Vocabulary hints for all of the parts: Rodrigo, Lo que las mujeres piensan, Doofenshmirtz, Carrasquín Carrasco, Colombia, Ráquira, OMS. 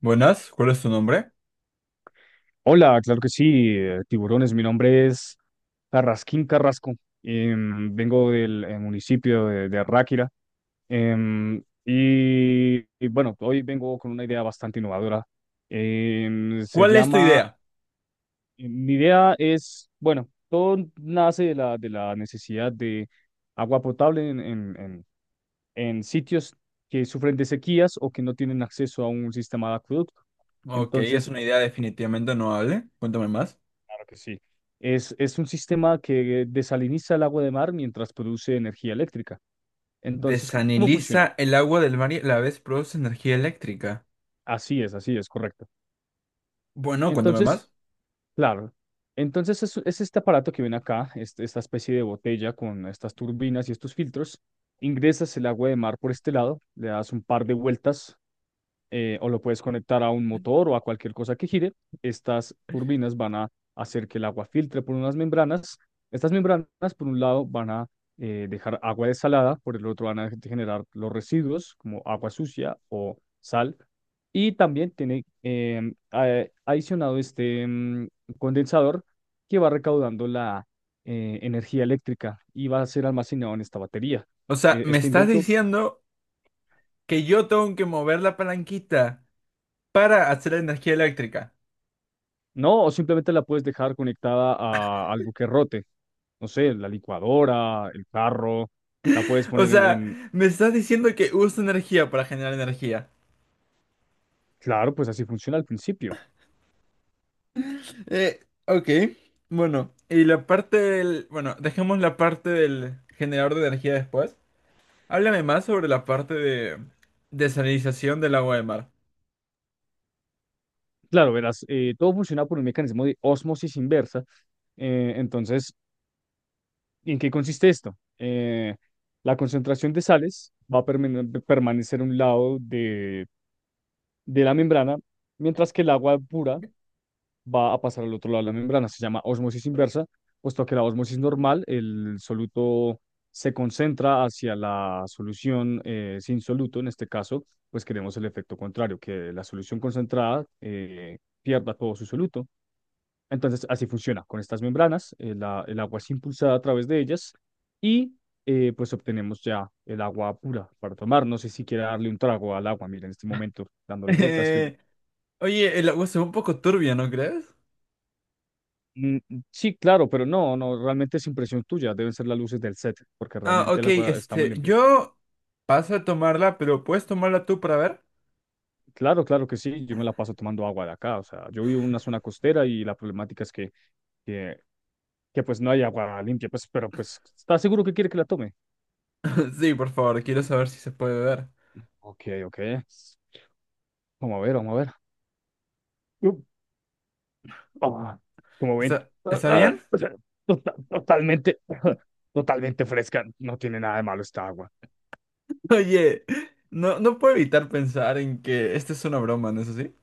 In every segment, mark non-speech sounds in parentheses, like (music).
Buenas, ¿cuál es tu nombre? Hola, claro que sí, tiburones. Mi nombre es Carrasquín Carrasco. Vengo del municipio de Ráquira. em, y bueno, hoy vengo con una idea bastante innovadora. em, se ¿Cuál es tu llama, idea? Mi idea es, bueno, todo nace de la necesidad de agua potable en sitios que sufren de sequías o que no tienen acceso a un sistema de acueducto. Ok, es Entonces, una idea definitivamente noble. Cuéntame más. que sí. Es un sistema que desaliniza el agua de mar mientras produce energía eléctrica. Entonces, ¿cómo funciona? Desaniliza el agua del mar y a la vez produce energía eléctrica. Así es, correcto. Bueno, cuéntame Entonces, más. claro, entonces es este aparato que ven acá, esta especie de botella con estas turbinas y estos filtros. Ingresas el agua de mar por este lado, le das un par de vueltas, o lo puedes conectar a un motor o a cualquier cosa que gire. Estas turbinas van a hacer que el agua filtre por unas membranas. Estas membranas, por un lado, van a dejar agua desalada; por el otro van a generar los residuos como agua sucia o sal. Y también tiene, adicionado, este condensador que va recaudando la energía eléctrica y va a ser almacenado en esta batería. O sea, me Este estás invento. diciendo que yo tengo que mover la palanquita para hacer energía eléctrica. No, o simplemente la puedes dejar conectada a algo que rote. No sé, la licuadora, el carro, la puedes (laughs) O poner en... sea, en- me estás diciendo que uso energía para generar energía. Claro, pues así funciona al principio. Ok, bueno. Y la parte del... Bueno, dejemos la parte del generador de energía después. Háblame más sobre la parte de desalinización del agua de mar. (laughs) Claro, verás, todo funciona por un mecanismo de ósmosis inversa. Entonces, ¿en qué consiste esto? La concentración de sales va a permanecer a un lado de la membrana, mientras que el agua pura va a pasar al otro lado de la membrana. Se llama osmosis inversa, puesto que la osmosis normal, el soluto se concentra hacia la solución sin soluto. En este caso, pues queremos el efecto contrario, que la solución concentrada pierda todo su soluto. Entonces, así funciona con estas membranas. El agua es impulsada a través de ellas, y pues obtenemos ya el agua pura para tomar. No sé si quiere darle un trago al agua. Mira, en este momento, dándole vuelta, estoy. Eh, Oye, el agua se ve un poco turbia, ¿no crees? Mm. Sí, claro, pero no, no, realmente es impresión tuya, deben ser las luces del set, porque Ah, realmente ok, el agua está muy este, limpia. yo paso a tomarla, pero ¿puedes tomarla tú para ver? Claro, claro que sí, yo me la paso tomando agua de acá. O sea, yo vivo en una zona costera y la problemática es que, que, pues no hay agua limpia, pues, pero pues, ¿estás seguro que quiere que la tome? (laughs) Sí, por favor, quiero saber si se puede ver. Ok, ok, vamos a ver, vamos a ver. Uh, ah, Como ven, ¿Está, está bien? o sea, totalmente, (laughs) totalmente fresca, no tiene nada de malo esta agua. (laughs) Oye, no puedo evitar pensar en que esta es una broma, ¿no es así?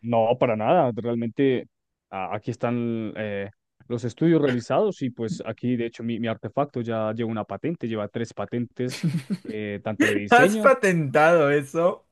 No, para nada. Realmente aquí están, los estudios realizados, y pues aquí de hecho mi artefacto ya lleva una patente, lleva tres patentes, tanto de (laughs) ¿Has diseño. patentado eso?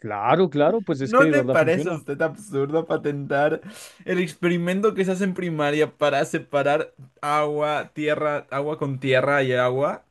Claro, claro, pues es que ¿No de le verdad parece a funciona. usted absurdo patentar el experimento que se hace en primaria para separar agua, tierra, agua con tierra y agua?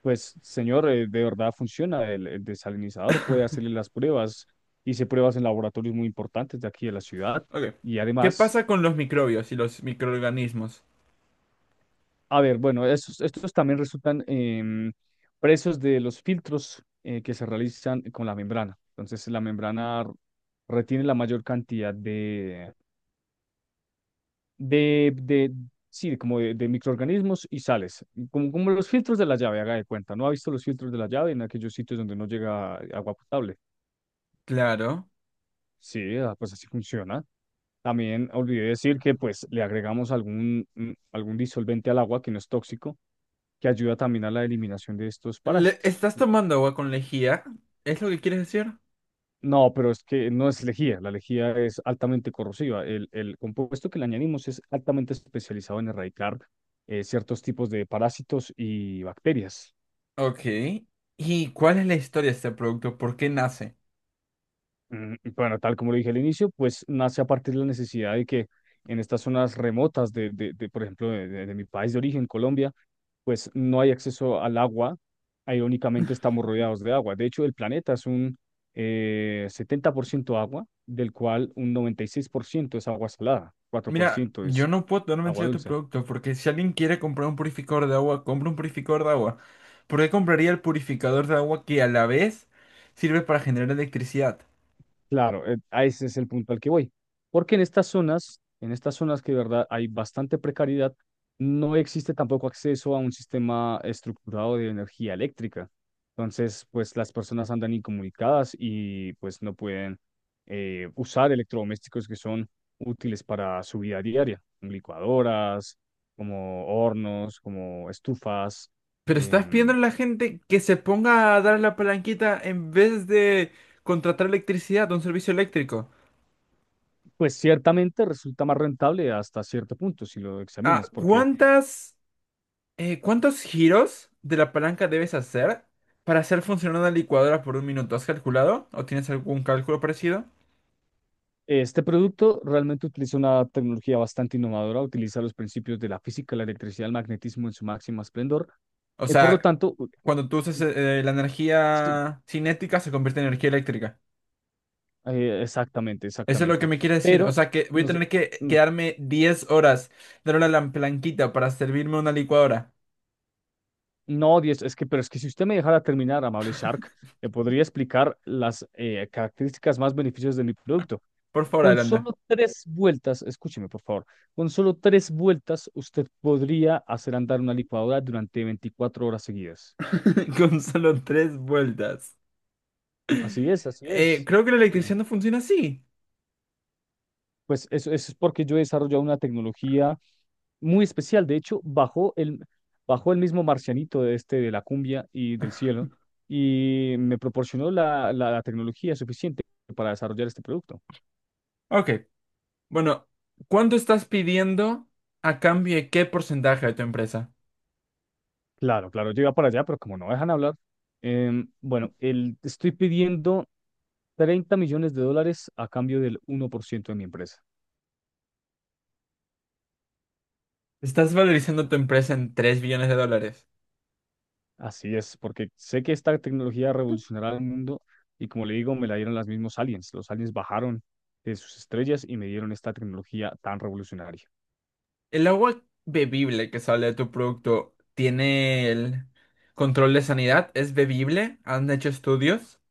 Pues señor, de verdad funciona. El desalinizador puede hacerle las pruebas. Hice pruebas en laboratorios muy importantes de aquí de la ciudad, Ok. y ¿Qué además... pasa con los microbios y los microorganismos? A ver, bueno, estos también resultan, presos de los filtros que se realizan con la membrana. Entonces, la membrana retiene la mayor cantidad de, sí, como de microorganismos y sales, como los filtros de la llave, haga de cuenta. ¿No ha visto los filtros de la llave en aquellos sitios donde no llega agua potable? Claro. Sí, pues así funciona. También olvidé decir que pues le agregamos algún disolvente al agua que no es tóxico, que ayuda también a la eliminación de estos parásitos. ¿Estás tomando agua con lejía? ¿Es lo que quieres decir? No, pero es que no es lejía, la lejía es altamente corrosiva. El compuesto que le añadimos es altamente especializado en erradicar ciertos tipos de parásitos y bacterias. Ok. ¿Y cuál es la historia de este producto? ¿Por qué nace? Y bueno, tal como lo dije al inicio, pues nace a partir de la necesidad de que en estas zonas remotas por ejemplo, de mi país de origen, Colombia, pues no hay acceso al agua. Irónicamente, estamos rodeados de agua. De hecho, el planeta es un 70% agua, del cual un 96% es agua salada, Mira, 4% yo es no puedo dar agua mención a tu dulce. producto porque si alguien quiere comprar un purificador de agua, compra un purificador de agua. ¿Por qué compraría el purificador de agua que a la vez sirve para generar electricidad? Claro, a ese es el punto al que voy. Porque en estas zonas que de verdad hay bastante precariedad, no existe tampoco acceso a un sistema estructurado de energía eléctrica. Entonces, pues las personas andan incomunicadas y pues no pueden usar electrodomésticos que son útiles para su vida diaria, como licuadoras, como hornos, como estufas. Pero estás pidiendo em, a la gente que se ponga a dar la palanquita en vez de contratar electricidad, un servicio eléctrico. pues ciertamente resulta más rentable hasta cierto punto si lo Ah, examinas, porque... ¿cuántos giros de la palanca debes hacer para hacer funcionar una licuadora por un minuto? ¿Has calculado? ¿O tienes algún cálculo parecido? Este producto realmente utiliza una tecnología bastante innovadora, utiliza los principios de la física, la electricidad, el magnetismo en su máximo esplendor. O Por lo sea, tanto, cuando tú usas la sí, energía cinética se convierte en energía eléctrica. Exactamente, Eso es lo que exactamente. me quiere decir. O Pero, sea que voy a nos- tener que no, quedarme 10 horas dándole a la planquita para servirme una licuadora. no, diez, es que, pero es que si usted me dejara terminar, amable Shark, le podría explicar las características más beneficiosas de mi producto. Por favor, Con adelante. solo tres vueltas, escúcheme por favor, con solo tres vueltas usted podría hacer andar una licuadora durante 24 horas seguidas. (laughs) Con solo 3 vueltas. Así es, así es. Creo que la En serio. electricidad no funciona así. Pues eso es porque yo he desarrollado una tecnología muy especial. De hecho, bajó el mismo marcianito de este, de la cumbia y del cielo, y me proporcionó la, la tecnología suficiente para desarrollar este producto. Ok. Bueno, ¿cuánto estás pidiendo a cambio de qué porcentaje de tu empresa? Claro, claro, yo iba para allá, pero como no dejan hablar, bueno, estoy pidiendo $30 millones a cambio del 1% de mi empresa. Estás valorizando tu empresa en 3 billones de dólares. Así es, porque sé que esta tecnología revolucionará el mundo, y como le digo, me la dieron los mismos aliens. Los aliens bajaron de sus estrellas y me dieron esta tecnología tan revolucionaria. El agua bebible que sale de tu producto tiene el control de sanidad, es bebible, han hecho estudios.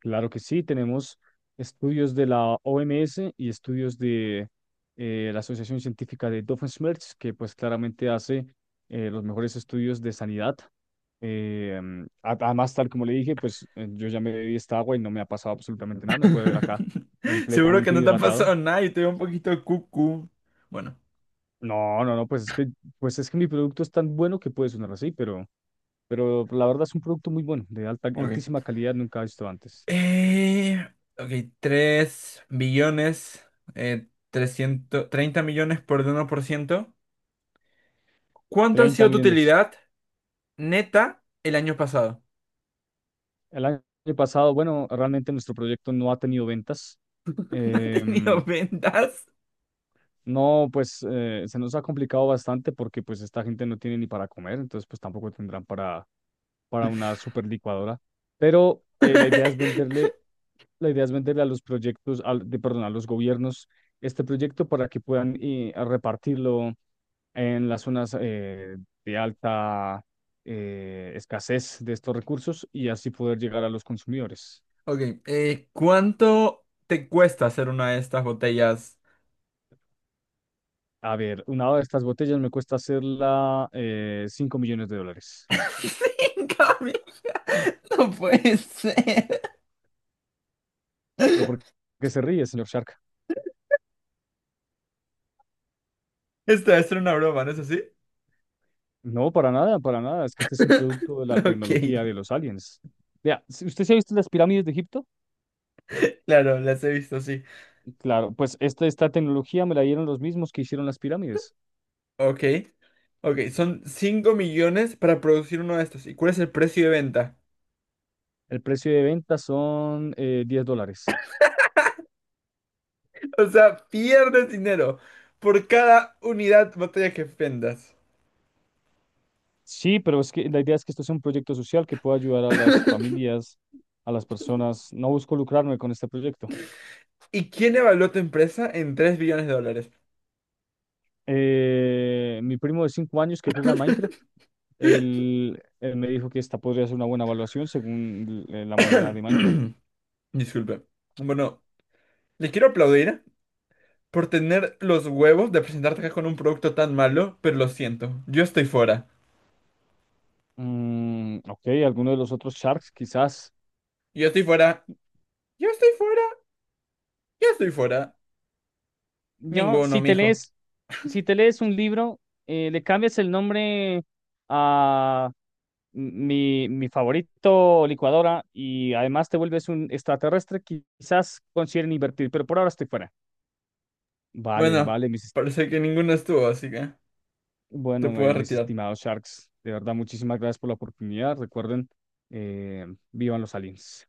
Claro que sí, tenemos estudios de la OMS y estudios de, la Asociación Científica de Doofenshmirtz, que pues claramente hace los mejores estudios de sanidad. Además, tal como le dije, pues yo ya me bebí esta agua y no me ha pasado absolutamente nada. Me puede ver acá (laughs) Seguro que completamente no te ha hidratado. pasado nada y te veo un poquito de cucu. Bueno, No, no, no, pues es que, mi producto es tan bueno que puede sonar así, pero la verdad es un producto muy bueno, de alta, Ok. altísima calidad, nunca visto antes. eh, ok, 3 billones, 330 millones por el 1%. ¿Cuánto ha Treinta sido tu millones. utilidad neta el año pasado? El año pasado, bueno, realmente nuestro proyecto no ha tenido ventas. (laughs) ¿No has tenido Em, ventas? No, pues se nos ha complicado bastante porque pues esta gente no tiene ni para comer, entonces pues tampoco tendrán para, una super licuadora. Pero la idea es venderle, a los proyectos, al, de, perdón, a los gobiernos este proyecto, para que puedan a repartirlo en las zonas, de alta escasez de estos recursos, y así poder llegar a los consumidores. Ok, ¿cuánto te cuesta hacer una de estas botellas? A ver, una de estas botellas me cuesta hacerla 5 millones de dólares. (laughs) 5.000. No puede ser. ¿Pero por qué se ríe, señor Shark? Esto es una broma, ¿no es así? No, para nada, para nada. Es que este es un producto de la (laughs) Ok, tecnología de los aliens. Vea, ¿usted se ha visto las pirámides de Egipto? claro, las he visto, sí. Claro, pues esta tecnología me la dieron los mismos que hicieron las pirámides. Ok. Ok, son 5 millones para producir uno de estos. ¿Y cuál es el precio de venta? El precio de venta son, $10. (laughs) O sea, pierdes dinero por cada unidad botella que vendas. Sí, pero es que la idea es que esto es un proyecto social que pueda ayudar a las familias, a las personas. No busco lucrarme con este proyecto. ¿Y quién evaluó tu empresa en 3 billones de dólares? Mi primo de 5 años, que juega a Minecraft. Él me dijo que esta podría ser una buena evaluación, según la moneda de Minecraft. (clears throat) Disculpe. Bueno, le quiero aplaudir por tener los huevos de presentarte acá con un producto tan malo, pero lo siento, yo estoy fuera. Ok, alguno de los otros Sharks, quizás. Yo estoy fuera. Yo estoy fuera. Yo estoy fuera. Yo, Ninguno, mijo. Si te lees un libro, le cambias el nombre a mi favorito licuadora, y además te vuelves un extraterrestre, quizás consideren invertir, pero por ahora estoy fuera. Vale, Bueno, vale, parece que ninguno estuvo, así que te bueno, puedo mis retirar. estimados Sharks, de verdad, muchísimas gracias por la oportunidad. Recuerden, eh, vivan los aliens.